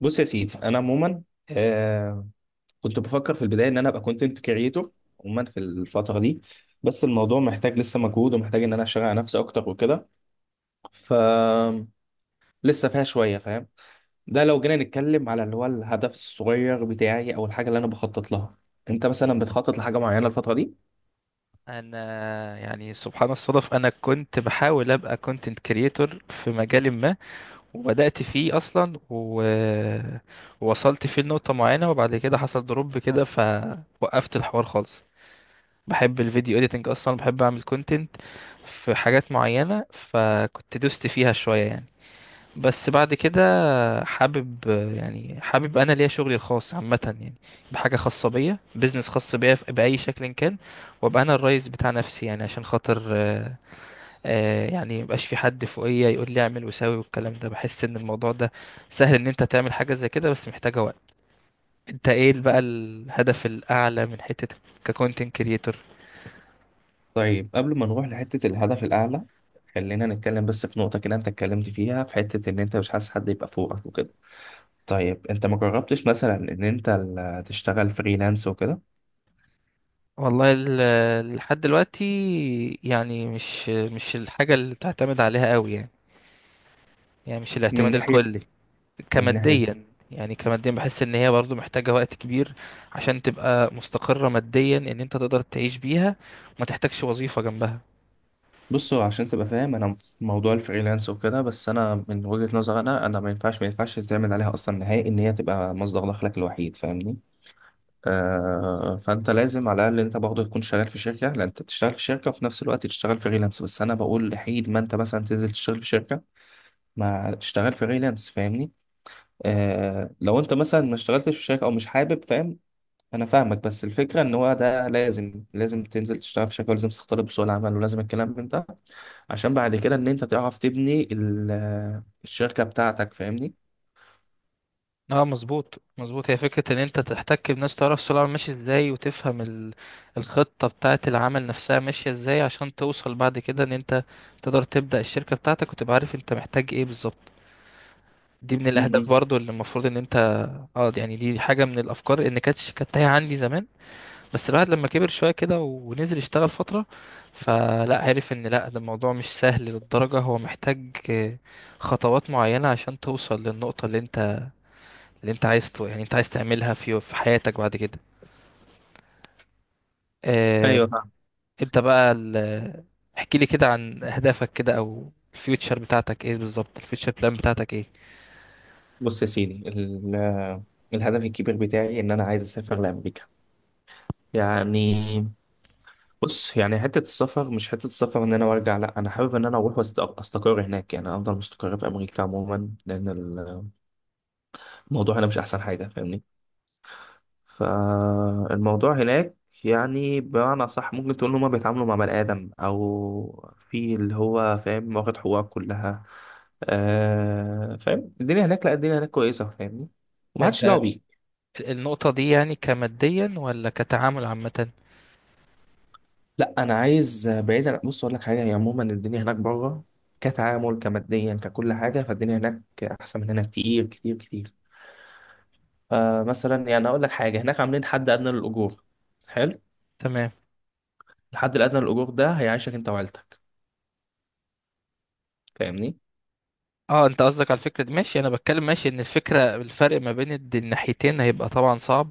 بص يا سيدي، انا عموما آه كنت بفكر في البدايه ان انا ابقى كونتنت كريتور عموما في الفتره دي. بس الموضوع محتاج لسه مجهود، ومحتاج ان انا اشتغل على نفسي اكتر وكده. ف لسه فيها شويه، فاهم؟ ده لو جينا نتكلم على اللي هو الهدف الصغير بتاعي او الحاجه اللي انا بخطط لها. انت مثلا بتخطط لحاجه معينه الفتره دي؟ انا سبحان الصدف، انا كنت بحاول ابقى كونتنت كريتور في مجال ما، وبدأت فيه اصلا ووصلت فيه لنقطة معينة، وبعد كده حصل دروب كده فوقفت الحوار خالص. بحب الفيديو اديتنج، اصلا بحب اعمل كونتنت في حاجات معينة، فكنت دوست فيها شوية يعني. بس بعد كده حابب، حابب انا ليا شغلي الخاص عامه يعني، بحاجه خاصه بيا، بيزنس خاص بيا باي شكل كان، وابقى انا الرئيس بتاع نفسي، يعني عشان خاطر مبقاش في حد فوقيا يقول لي اعمل وساوي والكلام ده. بحس ان الموضوع ده سهل ان انت تعمل حاجه زي كده، بس محتاجه وقت. انت ايه بقى الهدف الاعلى من حته ككونتنت كريتور؟ طيب قبل ما نروح لحته الهدف الاعلى، خلينا نتكلم بس في نقطه كده انت اتكلمت فيها في حته ان انت مش حاسس حد يبقى فوقك وكده. طيب انت ما جربتش مثلا ان انت تشتغل فريلانس وكده؟ والله لحد دلوقتي يعني مش الحاجه اللي تعتمد عليها قوي يعني، مش من الاعتماد ناحية الكلي. من ناحية كماديا. يعني كماديا بحس ان هي برضو محتاجة وقت كبير عشان تبقى مستقرة ماديا، ان انت تقدر تعيش بيها وما تحتاجش وظيفة جنبها. بصوا عشان تبقى فاهم انا موضوع الفريلانس وكده، بس انا من وجهة نظر انا، انا ما ينفعش تعمل عليها اصلا نهائي ان هي تبقى مصدر دخلك الوحيد، فاهمني؟ فانت لازم على الاقل انت برضه تكون شغال في شركة، لان انت بتشتغل في شركة وفي نفس الوقت تشتغل فريلانس. بس انا بقول حين ما انت مثلا تنزل تشتغل في شركة، ما تشتغل فريلانس، فاهمني؟ لو انت مثلا ما اشتغلتش في شركة او مش حابب، فاهم؟ انا فاهمك، بس الفكره ان هو ده لازم، تنزل تشتغل في شركه، ولازم تختلط بسوق العمل ولازم الكلام من ده، عشان بعد كده ان انت تعرف تبني الشركه بتاعتك، فاهمني؟ اه مظبوط مظبوط، هي فكرة ان انت تحتك بناس، تعرف سوق العمل ماشي ازاي، وتفهم الخطة بتاعة العمل نفسها ماشية ازاي، عشان توصل بعد كده ان انت تقدر تبدأ الشركة بتاعتك وتبقى عارف انت محتاج ايه بالظبط. دي من م-م. الاهداف برضو اللي المفروض ان انت. اه دي حاجة من الافكار ان كانت تايهة عندي زمان، بس الواحد لما كبر شوية كده ونزل يشتغل فترة، فلا عرف ان لا، ده الموضوع مش سهل للدرجة، هو محتاج خطوات معينة عشان توصل للنقطة اللي انت، انت عايز تعملها في حياتك بعد كده. آه، ايوه فاهم. انت بقى احكي لي كده عن اهدافك كده، او الفيوتشر بتاعتك ايه بالظبط، الفيوتشر بلان بتاعتك ايه؟ بص يا سيدي، الهدف الكبير بتاعي ان انا عايز اسافر لامريكا، يعني. بص يعني حته السفر، مش حته السفر ان انا وارجع، لا انا حابب ان انا اروح واستقر هناك، يعني افضل مستقر في امريكا عموما، لان الموضوع هنا مش احسن حاجه، فاهمني؟ فالموضوع هناك يعني بمعنى صح، ممكن تقول ان هما بيتعاملوا مع بني ادم، او في اللي هو فاهم واخد حقوقه كلها. آه فاهم، الدنيا هناك، لا الدنيا هناك كويسه، فاهمني؟ انت ومحدش دعوه بيك. النقطة دي يعني كماديا ولا كتعامل عامة؟ لا انا عايز بعيدا، بص اقول لك حاجه، هي عموما الدنيا هناك بره كتعامل، كماديا، ككل حاجه، فالدنيا هناك احسن من هنا كتير كتير كتير. فمثلا يعني اقول لك حاجه، هناك عاملين حد ادنى للاجور. حلو. تمام. الحد الادنى للاجور ده هيعيشك انت وعيلتك، فاهمني؟ اه انت قصدك على الفكرة دي، ماشي. انا بتكلم ماشي، ان الفكرة الفرق ما بين الناحيتين هيبقى طبعا صعب.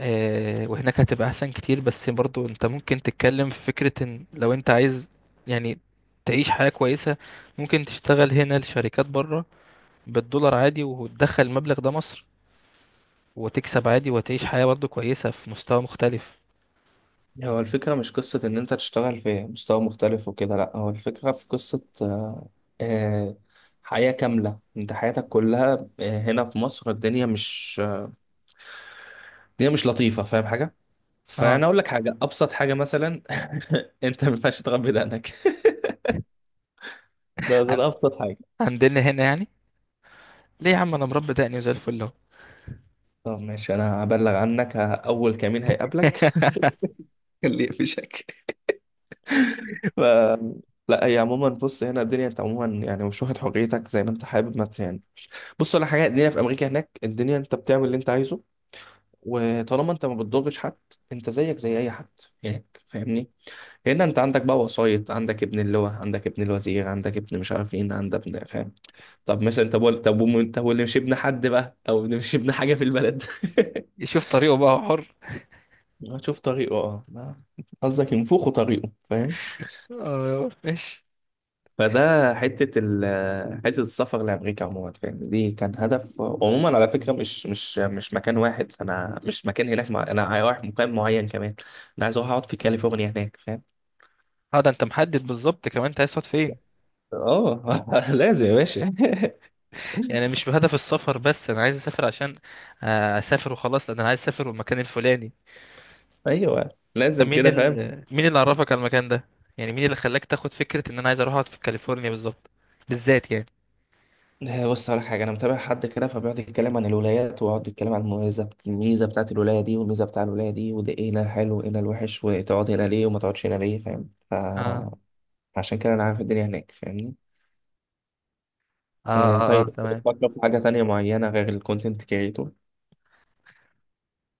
آه، وهناك هتبقى احسن كتير، بس برضو انت ممكن تتكلم في فكرة ان لو انت عايز، يعني، تعيش حياة كويسة، ممكن تشتغل هنا لشركات بره بالدولار عادي، وتدخل المبلغ ده مصر، وتكسب عادي وتعيش حياة برضو كويسة في مستوى مختلف. هو الفكرة مش قصة إن أنت تشتغل في مستوى مختلف وكده، لأ هو الفكرة في قصة، آه، حياة كاملة، أنت حياتك كلها. هنا في مصر الدنيا مش، الدنيا مش لطيفة، فاهم حاجة؟ فأنا اه أقول لك حاجة، أبسط حاجة مثلا، أنت ما ينفعش تغمض بدقنك. ده عن- أبسط حاجة. عندنا هنا يعني، ليه يا عم؟ انا مربي دقني وزي الفل اهو. طب ماشي، أنا هبلغ عنك، أول كمين هيقابلك اللي يقفشك. ف لا، هي عموما بص، هنا الدنيا أنت عموما يعني مش واخد حريتك زي ما أنت حابب، ما أنت يعني. بص على حاجه، الدنيا في امريكا، هناك الدنيا انت بتعمل اللي انت عايزه، وطالما انت ما بتضرش حد، انت زيك زي اي حد هناك، فاهمني؟ هنا انت عندك بقى وسايط، عندك ابن اللواء، عندك ابن الوزير، عندك ابن مش عارف مين، عندك ابن، فاهم؟ طب مثلا انت بقول طب، انت واللي مش ابن حد بقى، او اللي مش ابن حاجه في البلد. يشوف طريقه بقى، هو حر. شوف طريقه، اه، قصدك ينفخوا طريقه، فاهم؟ اه ماشي. فده حتة حتة السفر لأمريكا عموما، فاهم؟ دي كان هدف عموما، على فكرة، مش مكان واحد، أنا مش مكان هناك أنا رايح مكان معين كمان. أنا عايز أروح أقعد في كاليفورنيا هناك، فاهم؟ اه ده انت محدد بالظبط كمان، انت عايز تقعد فين؟ آه لازم يا باشا. يعني مش بهدف السفر بس، انا عايز اسافر عشان اسافر وخلاص، لان انا عايز اسافر المكان الفلاني. أيوه ده لازم مين كده، فاهم؟ مين اللي عرفك على المكان ده؟ يعني مين اللي خلاك تاخد فكرة ان انا عايز اروح اقعد في كاليفورنيا بالظبط، بالذات يعني؟ بص على حاجة، أنا متابع حد كده فبيقعد يتكلم عن الولايات، ويقعد يتكلم عن المميزة، الميزة بتاعت الولاية دي، والميزة بتاع الولاية دي، وده إيه هنا الحلو وإيه هنا الوحش، وتقعد هنا ليه وما تقعدش هنا ليه، فاهم؟ اه. فعشان كده أنا عارف الدنيا هناك، فاهمني؟ اه، آه، اه, آه طيب. تمام. بفكر في حاجة تانية معينة غير الكونتنت كريتور.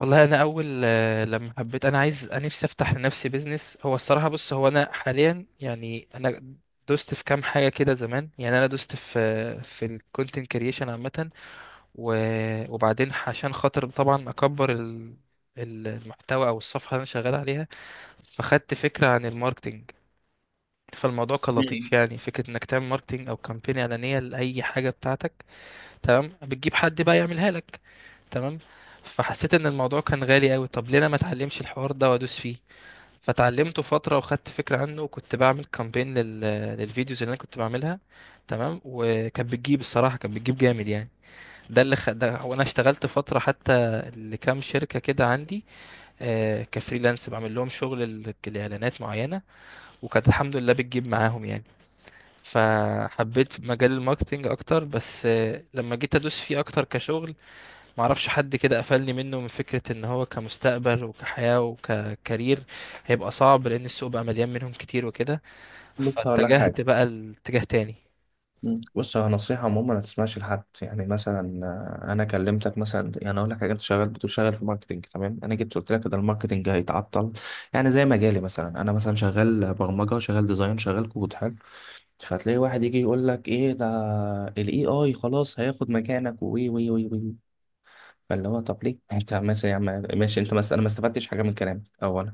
والله انا اول لما حبيت انا عايز انا نفسي افتح لنفسي بيزنس، هو الصراحه بص هو انا حاليا يعني انا دوست في كام حاجه كده زمان، يعني انا دوست في في الكونتنت كريشن عامه و... وبعدين عشان خاطر طبعا اكبر المحتوى او الصفحه اللي انا شغال عليها، فخدت فكره عن الماركتينج. فالموضوع كان مم. لطيف، يعني فكره انك تعمل ماركتينج او كامبين اعلانيه لاي حاجه بتاعتك. تمام، بتجيب حد بقى يعملها لك. تمام. فحسيت ان الموضوع كان غالي قوي، طب ليه انا ما اتعلمش الحوار ده وادوس فيه؟ فتعلمته فتره وخدت فكره عنه، وكنت بعمل كامبين للفيديوز اللي انا كنت بعملها. تمام، وكانت بتجيب، الصراحه كانت بتجيب جامد يعني. ده وانا اشتغلت فتره حتى لكام شركه كده عندي، آه كفريلانس بعمل لهم شغل الاعلانات معينه، وكانت الحمد لله بتجيب معاهم يعني. فحبيت مجال الماركتينج اكتر، بس آه لما جيت ادوس فيه اكتر كشغل، معرفش حد كده قفلني منه، من فكره ان هو كمستقبل وكحياه وككارير هيبقى صعب، لان السوق بقى مليان منهم كتير وكده، بص هقول لك حاجة. فاتجهت بقى لاتجاه تاني. مم. بص، هو نصيحة عموما ما تسمعش لحد. يعني مثلا، أنا كلمتك مثلا، يعني أقول لك حاجة، أنت شغال بتقول شغال في ماركتينج، تمام، أنا جيت قلت لك ده الماركتينج هيتعطل. يعني زي مجالي مثلا، أنا مثلا شغال برمجة، شغال ديزاين، شغال كود، حلو. فتلاقي واحد يجي يقول لك إيه ده، ال AI خلاص هياخد مكانك، وي وي وي وي. فاللي هو، طب ليه انت مثلا يا عم، ماشي انت مثلا، انا ما استفدتش حاجه من كلامك اولا،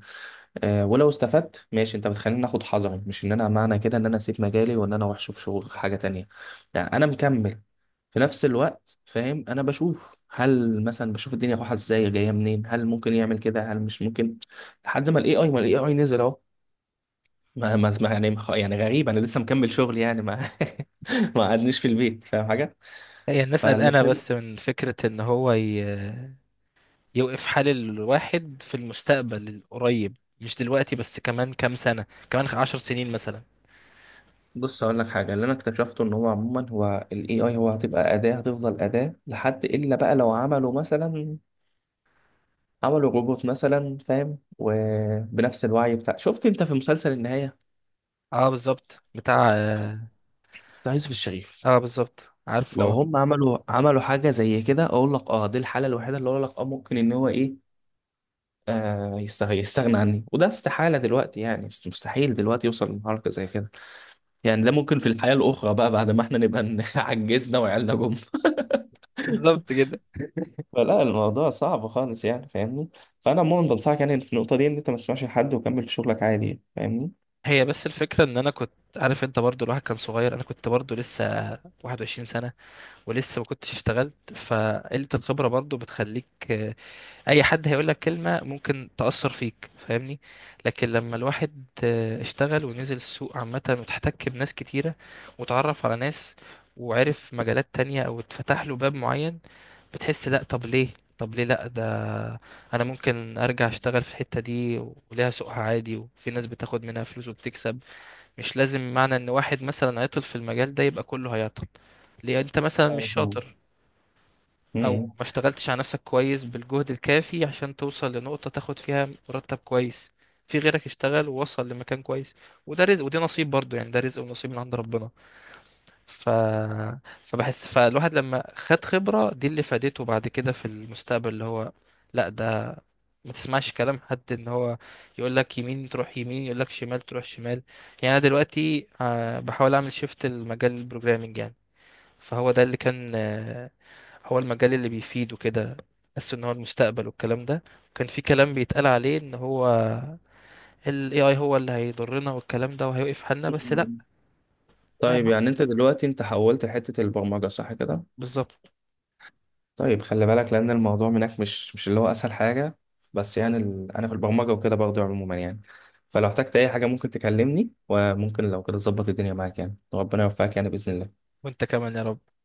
ولو استفدت ماشي، انت بتخليني اخد حذري، مش ان انا معنى كده ان انا اسيب مجالي وان انا وحش في شغل حاجه تانية. لا انا مكمل، في نفس الوقت، فاهم؟ انا بشوف، هل مثلا بشوف الدنيا رايحه ازاي، جايه منين، هل ممكن يعمل كده، هل مش ممكن، لحد ما الاي اي نزل اهو. يعني، غريب، انا لسه مكمل شغل يعني، ما ما قعدنيش في البيت، فاهم حاجه؟ هي الناس قلقانه بس من فكره ان هو يوقف حال الواحد في المستقبل القريب، مش دلوقتي بس، كمان كام سنة، كمان عشر سنين مثلا. بص اقول لك حاجه، اللي انا اكتشفته ان هو عموما، هو الاي اي هو هتبقى اداه، هتفضل اداه، لحد الا بقى لو عملوا مثلا، عملوا روبوت مثلا فاهم، وبنفس الوعي بتاع، شفت انت في مسلسل النهايه اه بالظبط بتاع، اه بتاع يوسف الشريف؟ آه، بالظبط. عارفه لو اه. هم عملوا حاجه زي كده اقول لك اه، دي الحاله الوحيده اللي اقول لك اه ممكن ان هو ايه، آه، يستغنى عني، وده استحاله دلوقتي يعني، مستحيل دلوقتي يوصل لمرحله زي كده. يعني ده ممكن في الحياه الاخرى بقى بعد ما احنا نبقى عجزنا وعيالنا جم. بالظبط كده. فلا الموضوع صعب خالص يعني، فاهمني؟ فانا عموما بنصحك يعني في النقطه دي ان انت ما تسمعش لحد، وكمل في شغلك عادي يعني، فاهمني؟ هي بس الفكرة ان انا كنت عارف، انت برضو الواحد كان صغير، انا كنت برضو لسه 21 سنة ولسه ما كنتش اشتغلت، فقلة الخبرة برضو بتخليك اي حد هيقول لك كلمة ممكن تأثر فيك، فاهمني؟ لكن لما الواحد اشتغل ونزل السوق عامة وتحتك بناس كتيرة وتعرف على ناس وعرف مجالات تانية او اتفتح له باب معين، بتحس لا، طب ليه لا، ده انا ممكن ارجع اشتغل في الحتة دي وليها سوقها عادي، وفي ناس بتاخد منها فلوس وبتكسب. مش لازم معنى ان واحد مثلا عطل في المجال ده يبقى كله هيعطل. ليه؟ انت مثلا مش أيوة فاهم. شاطر او امم ما اشتغلتش على نفسك كويس بالجهد الكافي عشان توصل لنقطة تاخد فيها مرتب كويس. في غيرك اشتغل ووصل لمكان كويس، وده رزق ودي نصيب برضو، يعني ده رزق ونصيب من عند ربنا. ف... فبحس فالواحد لما خد خبرة دي اللي فادته بعد كده في المستقبل، اللي هو لا ده ما تسمعش كلام حد، ان هو يقول لك يمين تروح يمين، يقول لك شمال تروح شمال. يعني انا دلوقتي بحاول اعمل شيفت لمجال البروجرامنج يعني، فهو ده اللي كان هو المجال اللي بيفيده كده، بس ان هو المستقبل والكلام ده، وكان في كلام بيتقال عليه ان هو ال AI هو اللي هيضرنا والكلام ده وهيوقف حالنا، بس لا. لا يا طيب، عم. يعني انت دلوقتي انت حولت لحته البرمجه صح كده؟ بالظبط. طيب خلي بالك، لان الموضوع منك مش، اللي هو اسهل حاجه. بس يعني انا في البرمجه وكده برضه عموما يعني. فلو احتجت اي حاجه ممكن تكلمني، وممكن لو كده تظبط الدنيا معاك يعني، وربنا يوفقك يعني باذن الله. وانت كمان يا رب.